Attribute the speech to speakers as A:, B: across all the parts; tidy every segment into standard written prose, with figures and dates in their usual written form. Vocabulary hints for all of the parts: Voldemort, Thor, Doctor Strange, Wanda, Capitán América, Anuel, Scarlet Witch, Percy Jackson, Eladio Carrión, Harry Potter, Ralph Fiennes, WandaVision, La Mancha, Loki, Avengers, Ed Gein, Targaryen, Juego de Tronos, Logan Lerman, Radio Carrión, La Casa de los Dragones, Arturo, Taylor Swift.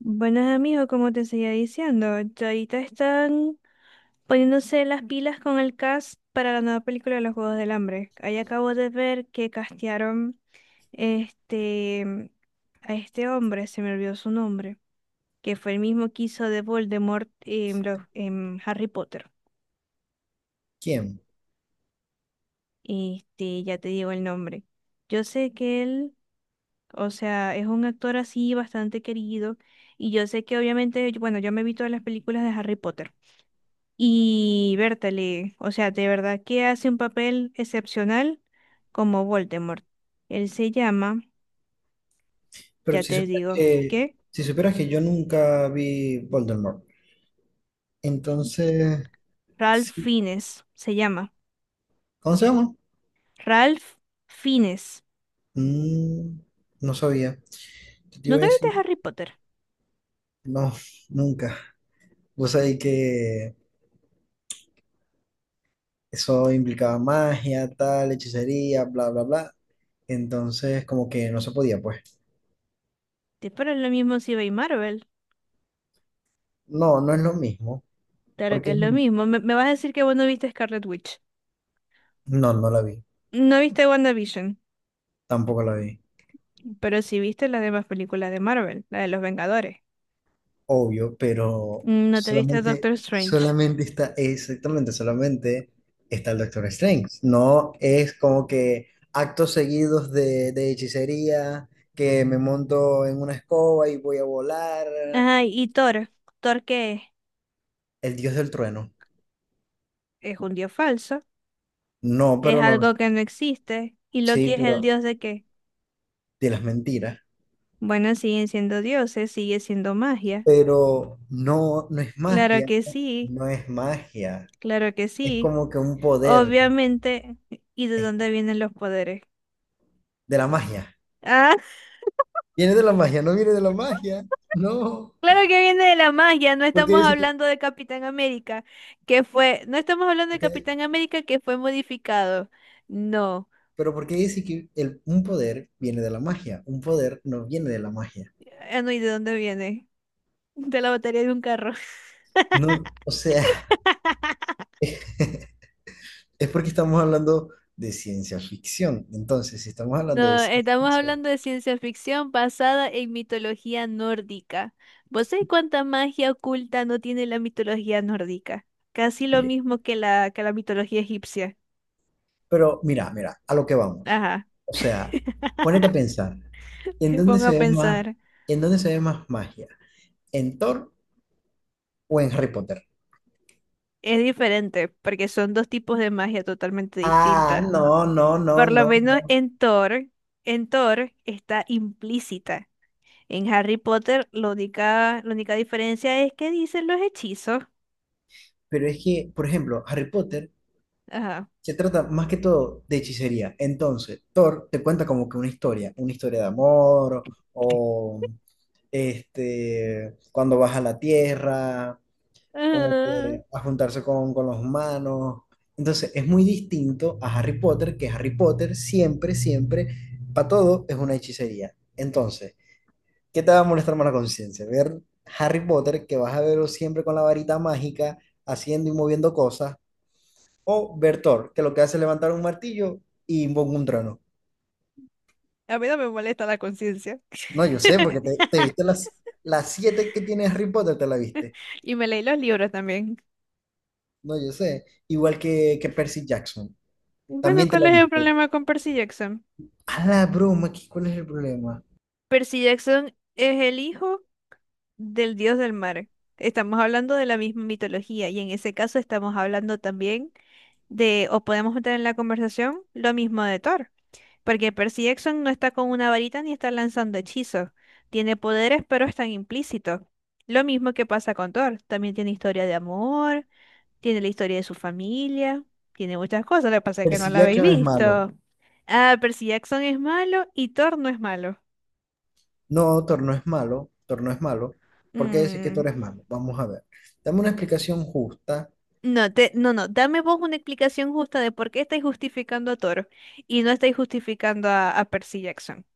A: Buenos amigos, como te seguía diciendo, ya ahorita están poniéndose las pilas con el cast para la nueva película de los Juegos del Hambre. Ahí acabo de ver que castearon este a este hombre, se me olvidó su nombre, que fue el mismo que hizo de Voldemort en, en Harry Potter.
B: ¿Quién?
A: Este, ya te digo el nombre. Yo sé que él, o sea, es un actor así bastante querido y yo sé que obviamente, bueno, yo me vi todas las películas de Harry Potter. Y Bertale, o sea, de verdad que hace un papel excepcional como Voldemort. Él se llama,
B: Pero
A: ya
B: si
A: te
B: supieras
A: digo,
B: que,
A: ¿qué?
B: si supieras que yo nunca vi Voldemort. Entonces,
A: Ralph
B: sí.
A: Fiennes, se llama.
B: ¿Cómo se llama?
A: Ralph Fiennes.
B: Mm, no sabía. ¿Qué te iba a
A: ¿Nunca viste
B: decir?
A: Harry Potter?
B: No, nunca. Vos sabés que eso implicaba magia, tal, hechicería, bla, bla, bla. Entonces, como que no se podía, pues.
A: Te es lo mismo si veis Marvel.
B: No, no es lo mismo.
A: Claro que
B: Porque
A: es
B: no,
A: lo mismo. Me vas a decir que vos no viste Scarlet Witch.
B: no, no la vi.
A: No viste WandaVision,
B: Tampoco la vi.
A: pero sí viste las demás películas de Marvel, la de los Vengadores.
B: Obvio, pero
A: No te viste
B: solamente,
A: Doctor Strange.
B: solamente está, exactamente, solamente está el Doctor Strange. No es como que actos seguidos de hechicería, que me monto en una escoba y voy a volar,
A: Ajá, y Thor. ¿Thor qué es?
B: el dios del trueno.
A: Es un dios falso.
B: No,
A: Es
B: pero no,
A: algo que no existe. ¿Y Loki
B: sí,
A: es el
B: pero
A: dios de qué?
B: de las mentiras.
A: Bueno, siguen siendo dioses, sigue siendo magia.
B: Pero no, no es
A: Claro
B: magia,
A: que sí,
B: no es magia.
A: claro que
B: Es
A: sí.
B: como que un poder,
A: Obviamente, ¿y de
B: es
A: dónde vienen los poderes?
B: de la magia.
A: Ah,
B: Viene de la magia, no viene de la magia, no.
A: claro que viene de la magia, no
B: Porque
A: estamos
B: dice
A: hablando de Capitán América, que fue, no estamos hablando de
B: Porque-
A: Capitán América que fue modificado. No.
B: pero porque dice que un poder viene de la magia? Un poder no viene de la magia.
A: Ah, no, ¿y de dónde viene? De la batería de un carro.
B: No, o sea, es porque estamos hablando de ciencia ficción. Entonces, si estamos hablando de
A: No,
B: ciencia
A: estamos
B: ficción,
A: hablando de ciencia ficción basada en mitología nórdica. ¿Vos sabés cuánta magia oculta no tiene la mitología nórdica? Casi lo
B: oye,
A: mismo que que la mitología egipcia.
B: pero mira, a lo que vamos.
A: Ajá,
B: O sea, ponete a pensar, ¿en
A: me
B: dónde
A: pongo a
B: se ve más,
A: pensar.
B: en dónde se ve más magia? ¿En Thor o en Harry Potter?
A: Es diferente, porque son dos tipos de magia totalmente
B: Ah,
A: distintas.
B: no, no, no,
A: Por lo
B: no.
A: menos
B: no.
A: en Thor está implícita. En Harry Potter, la única diferencia es que dicen los hechizos.
B: Pero es que, por ejemplo, Harry Potter
A: Ajá.
B: se trata más que todo de hechicería. Entonces, Thor te cuenta como que una historia de amor, o cuando baja a la tierra, como
A: Ajá.
B: que a juntarse con los humanos. Entonces, es muy distinto a Harry Potter, que Harry Potter siempre, siempre, para todo es una hechicería. Entonces, ¿qué te va a molestar más la conciencia? Ver Harry Potter, que vas a verlo siempre con la varita mágica, haciendo y moviendo cosas, o Bertor, que lo que hace es levantar un martillo y invoca un trono.
A: A mí no me molesta la conciencia.
B: No, yo sé, porque te viste las siete que tiene Harry Potter, te la viste.
A: Y me leí los libros también.
B: No, yo sé. Igual que Percy Jackson,
A: Bueno,
B: también te
A: ¿cuál
B: la
A: es el
B: viste.
A: problema con Percy Jackson?
B: A la broma, ¿cuál es el problema?
A: Percy Jackson es el hijo del dios del mar. Estamos hablando de la misma mitología y en ese caso estamos hablando también de, o podemos meter en la conversación, lo mismo de Thor. Porque Percy Jackson no está con una varita ni está lanzando hechizos. Tiene poderes, pero están implícitos. Lo mismo que pasa con Thor. También tiene historia de amor. Tiene la historia de su familia, tiene muchas cosas, lo que pasa es que no
B: Percy
A: la habéis
B: Jackson es malo.
A: visto. Ah, Percy Jackson es malo y Thor no es malo.
B: No, Thor no es malo. Thor no es malo. ¿Por qué decir que
A: Mm,
B: Thor es malo? Vamos a ver. Dame una explicación justa.
A: No, te, no, no, dame vos una explicación justa de por qué estáis justificando a Thor y no estáis justificando a Percy Jackson,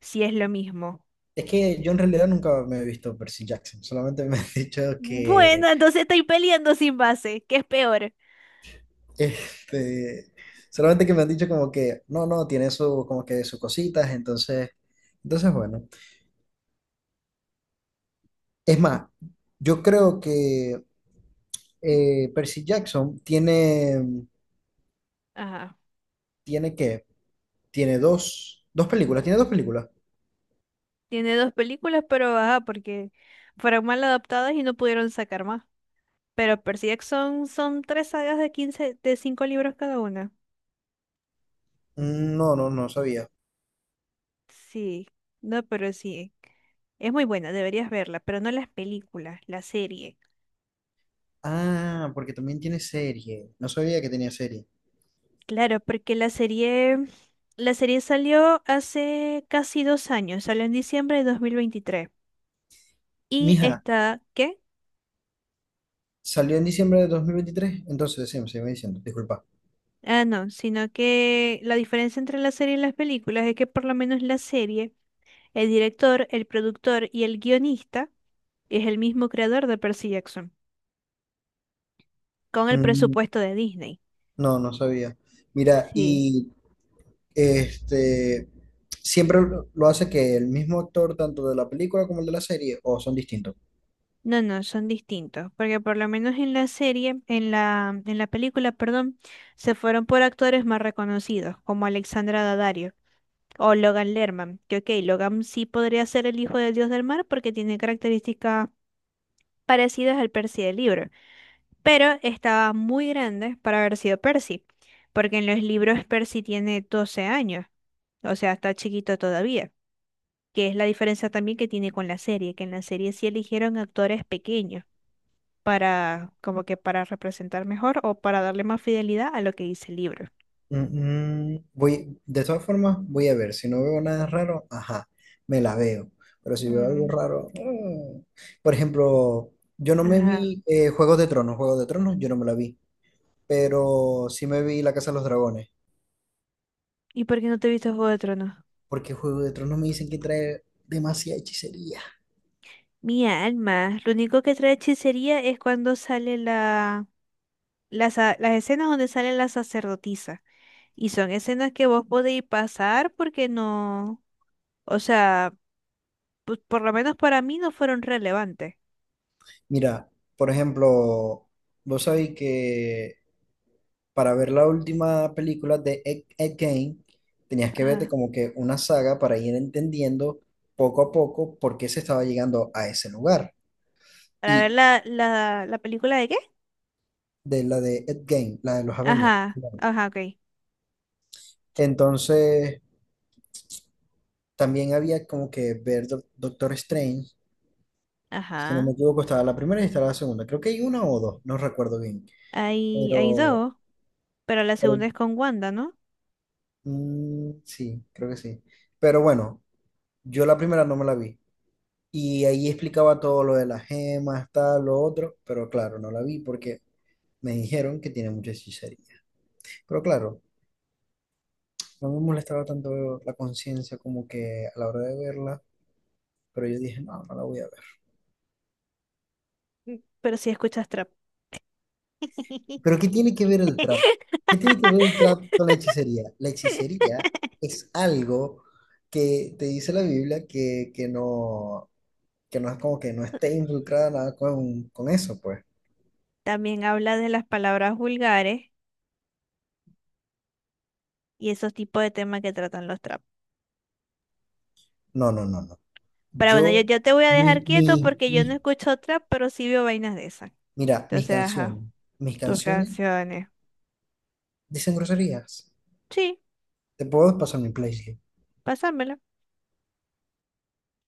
A: si es lo mismo.
B: Es que yo en realidad nunca me he visto Percy Jackson, solamente me han dicho que
A: Bueno, entonces estáis peleando sin base, que es peor.
B: Este, solamente que me han dicho como que, no, no, tiene su, como que sus cositas, entonces bueno. Es más, yo creo que Percy Jackson tiene,
A: Ajá,
B: tiene qué, tiene dos, dos películas, tiene dos películas.
A: tiene dos películas, pero ajá, porque fueron mal adaptadas y no pudieron sacar más. Pero Percy Jackson son tres sagas de cinco libros cada una.
B: No, no, no sabía.
A: Sí, no, pero sí. Es muy buena, deberías verla, pero no las películas, la serie.
B: Ah, porque también tiene serie. No sabía que tenía serie.
A: Claro, porque la serie salió hace casi 2 años, salió en diciembre de 2023. Y
B: Mija,
A: está, ¿qué?
B: salió en diciembre de 2023, entonces sí, me sigue diciendo, disculpa.
A: Ah, no, sino que la diferencia entre la serie y las películas es que por lo menos la serie, el director, el productor y el guionista es el mismo creador de Percy Jackson. Con el
B: Mm,
A: presupuesto de Disney.
B: No, no sabía. Mira,
A: Sí.
B: y Este, siempre lo hace que el mismo actor, tanto de la película como el de la serie, o son distintos.
A: No, no, son distintos, porque por lo menos en la serie, en la película, perdón, se fueron por actores más reconocidos, como Alexandra Daddario o Logan Lerman, que ok, Logan sí podría ser el hijo del dios del mar porque tiene características parecidas al Percy del libro, pero estaba muy grande para haber sido Percy, porque en los libros Percy tiene 12 años, o sea, está chiquito todavía. Que es la diferencia también que tiene con la serie, que en la serie sí eligieron actores pequeños para como que para representar mejor o para darle más fidelidad a lo que dice el libro.
B: Mm, mm, voy, de todas formas, voy a ver. Si no veo nada raro, ajá, me la veo. Pero si veo algo
A: Mm,
B: raro, mm. Por ejemplo, yo no me
A: ajá.
B: vi Juegos de Tronos. Juegos de Tronos, yo no me la vi. Pero sí me vi La Casa de los Dragones.
A: ¿Y por qué no te viste Juego de Tronos?
B: Porque Juegos de Tronos me dicen que trae demasiada hechicería.
A: Mi alma, lo único que trae hechicería es cuando sale las escenas donde sale la sacerdotisa. Y son escenas que vos podéis pasar porque no, o sea, por lo menos para mí no fueron relevantes.
B: Mira, por ejemplo, vos sabéis que para ver la última película de Ed Gein, tenías que verte
A: Ajá.
B: como que una saga para ir entendiendo poco a poco por qué se estaba llegando a ese lugar.
A: Para ver
B: Y
A: la película de qué?
B: de la de Ed Gein, la de los Avengers.
A: Ajá, ajá, ok.
B: Entonces, también había como que ver Doctor Strange, si no
A: Ajá.
B: me equivoco, estaba la primera y estaba la segunda. Creo que hay una o dos, no recuerdo bien.
A: Hay
B: Pero
A: dos, pero la segunda es con Wanda, ¿no?
B: mm, sí, creo que sí. Pero bueno, yo la primera no me la vi. Y ahí explicaba todo lo de las gemas, tal, lo otro, pero claro, no la vi porque me dijeron que tiene mucha hechicería. Pero claro, no me molestaba tanto la conciencia como que a la hora de verla, pero yo dije, no, no la voy a ver.
A: Pero si escuchas trap.
B: Pero ¿qué tiene que ver el trap? ¿Qué tiene que ver el trap con la hechicería? La hechicería es algo que te dice la Biblia que no es como que no esté involucrada nada con eso, pues.
A: También habla de las palabras vulgares y esos tipos de temas que tratan los trap.
B: No, no, no, no.
A: Pero bueno, yo,
B: Yo,
A: yo te voy a dejar quieto porque yo no
B: mis
A: escucho trap, pero sí veo vainas de esas.
B: Mira, mis
A: Entonces, ajá,
B: canciones, mis
A: tus
B: canciones
A: canciones.
B: dicen groserías.
A: Sí,
B: Te puedo pasar mi playlist.
A: pásamela.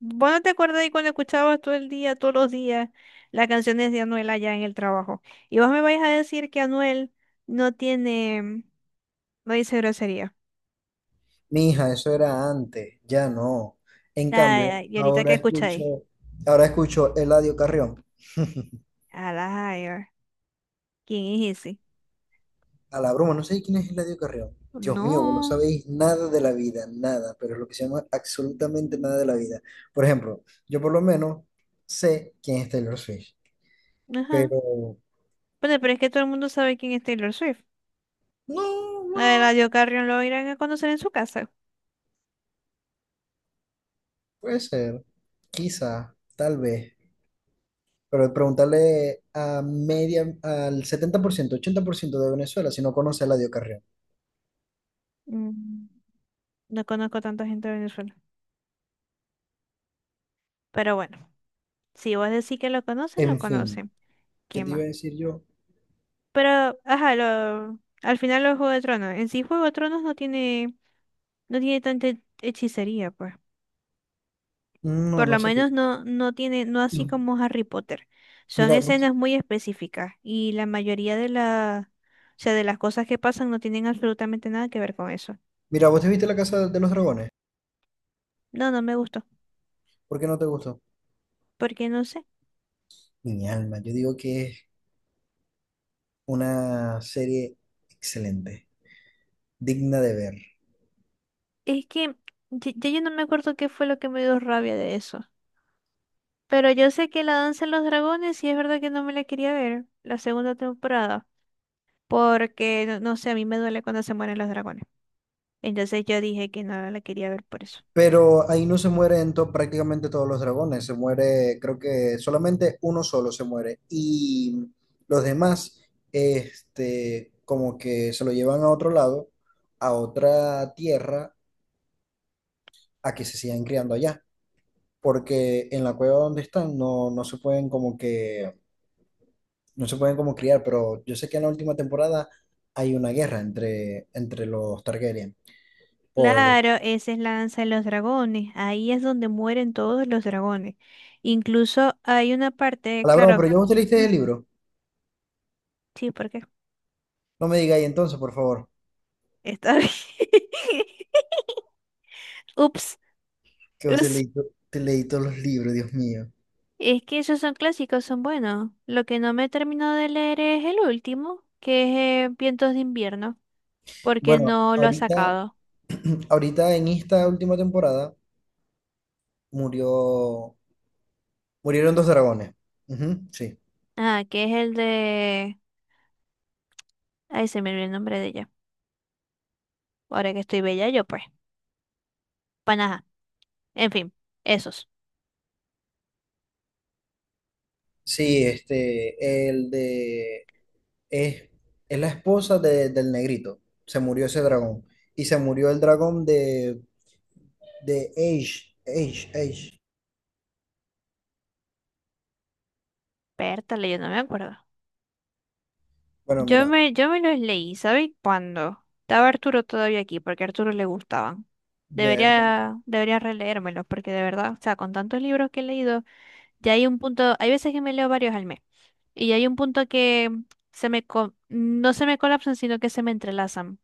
A: ¿Vos no te acuerdas de cuando escuchabas todo el día, todos los días, las canciones de Anuel allá en el trabajo? Y vos me vais a decir que Anuel no tiene, no dice grosería.
B: Mija, eso era antes, ya no. En cambio,
A: Ay, y ahorita que escucháis,
B: ahora escucho Eladio Carrión.
A: a la higher, ¿quién es ese?
B: A la broma, no sé quién es Eladio Carrión. Dios mío, vos no
A: No,
B: sabéis nada de la vida, nada, pero es lo que se llama absolutamente nada de la vida. Por ejemplo, yo por lo menos sé quién es Taylor Swift,
A: ajá.
B: pero
A: Bueno, pero es que todo el mundo sabe quién es Taylor Swift.
B: no,
A: A
B: bueno,
A: Radio Carrión lo irán a conocer en su casa.
B: puede ser, quizá, tal vez. Pero preguntarle a media, al setenta por ciento ochenta por ciento de Venezuela si no conoce a Eladio Carrión.
A: Mm, no conozco tanta gente de Venezuela. Pero bueno, si vos decís que lo conocen, lo
B: En fin,
A: conocen.
B: ¿qué
A: ¿Qué
B: te iba
A: más?
B: a decir yo?
A: Pero, ajá, lo, al final los Juego de Tronos. En sí, Juego de Tronos no tiene tanta hechicería, pues.
B: No,
A: Por
B: no
A: lo
B: sabía.
A: menos no, no tiene, no así
B: Y
A: como Harry Potter. Son
B: mira,
A: escenas muy específicas y la mayoría de la, o sea, de las cosas que pasan no tienen absolutamente nada que ver con eso.
B: mira, ¿vos te viste La Casa de los Dragones?
A: No, no me gustó,
B: ¿Por qué no te gustó?
A: porque no sé.
B: Mi alma, yo digo que es una serie excelente, digna de ver.
A: Es que ya yo no me acuerdo qué fue lo que me dio rabia de eso. Pero yo sé que la danza de los dragones, sí es verdad que no me la quería ver, la segunda temporada. Porque no, no sé, a mí me duele cuando se mueren los dragones. Entonces yo dije que no la quería ver por eso.
B: Pero ahí no se mueren prácticamente todos los dragones, se muere, creo que solamente uno solo se muere. Y los demás, este, como que se lo llevan a otro lado, a otra tierra, a que se sigan criando allá. Porque en la cueva donde están no, no se pueden como que, no se pueden como criar, pero yo sé que en la última temporada hay una guerra entre los Targaryen. Por
A: Claro, esa es la danza de los dragones. Ahí es donde mueren todos los dragones. Incluso hay una
B: a
A: parte,
B: la broma,
A: claro,
B: pero yo no te leíste
A: mm,
B: el libro.
A: sí, porque
B: No me digáis entonces, por favor.
A: está bien. Ups,
B: Que vos te
A: ups.
B: te leí todos los libros, Dios mío.
A: Es que esos son clásicos, son buenos. Lo que no me he terminado de leer es el último, que es Vientos de invierno, porque
B: Bueno,
A: no lo ha
B: ahorita,
A: sacado.
B: ahorita en esta última temporada murió, murieron dos dragones. Ujú, sí.
A: Ah, que es el de... Ahí se me olvidó el nombre de ella. Ahora que estoy bella yo, pues. Panaja. En fin, esos.
B: Sí, este, el de, es, es la esposa del negrito. Se murió ese dragón. Y se murió el dragón de Age.
A: Pértale, yo no me acuerdo.
B: Bueno,
A: Yo
B: mira,
A: me, yo me los leí, ¿sabes cuándo? Estaba Arturo todavía aquí, porque a Arturo le gustaban.
B: ver,
A: Debería releérmelos, porque de verdad, o sea, con tantos libros que he leído, ya hay un punto, hay veces que me leo varios al mes, y hay un punto que se me, no se me colapsan, sino que se me entrelazan.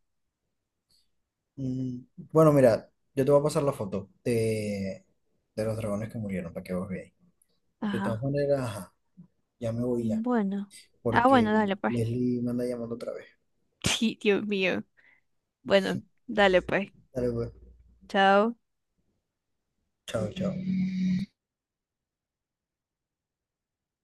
B: mm, bueno, mira, yo te voy a pasar la foto de los dragones que murieron para que vos veáis. De todas
A: Ajá.
B: maneras, ajá, ya me voy ya,
A: Bueno. Ah, bueno,
B: porque
A: dale pues.
B: Leslie me anda llamando otra vez.
A: Sí, Dios mío. Bueno, dale pues.
B: Dale, pues.
A: Chao.
B: Chao, chao.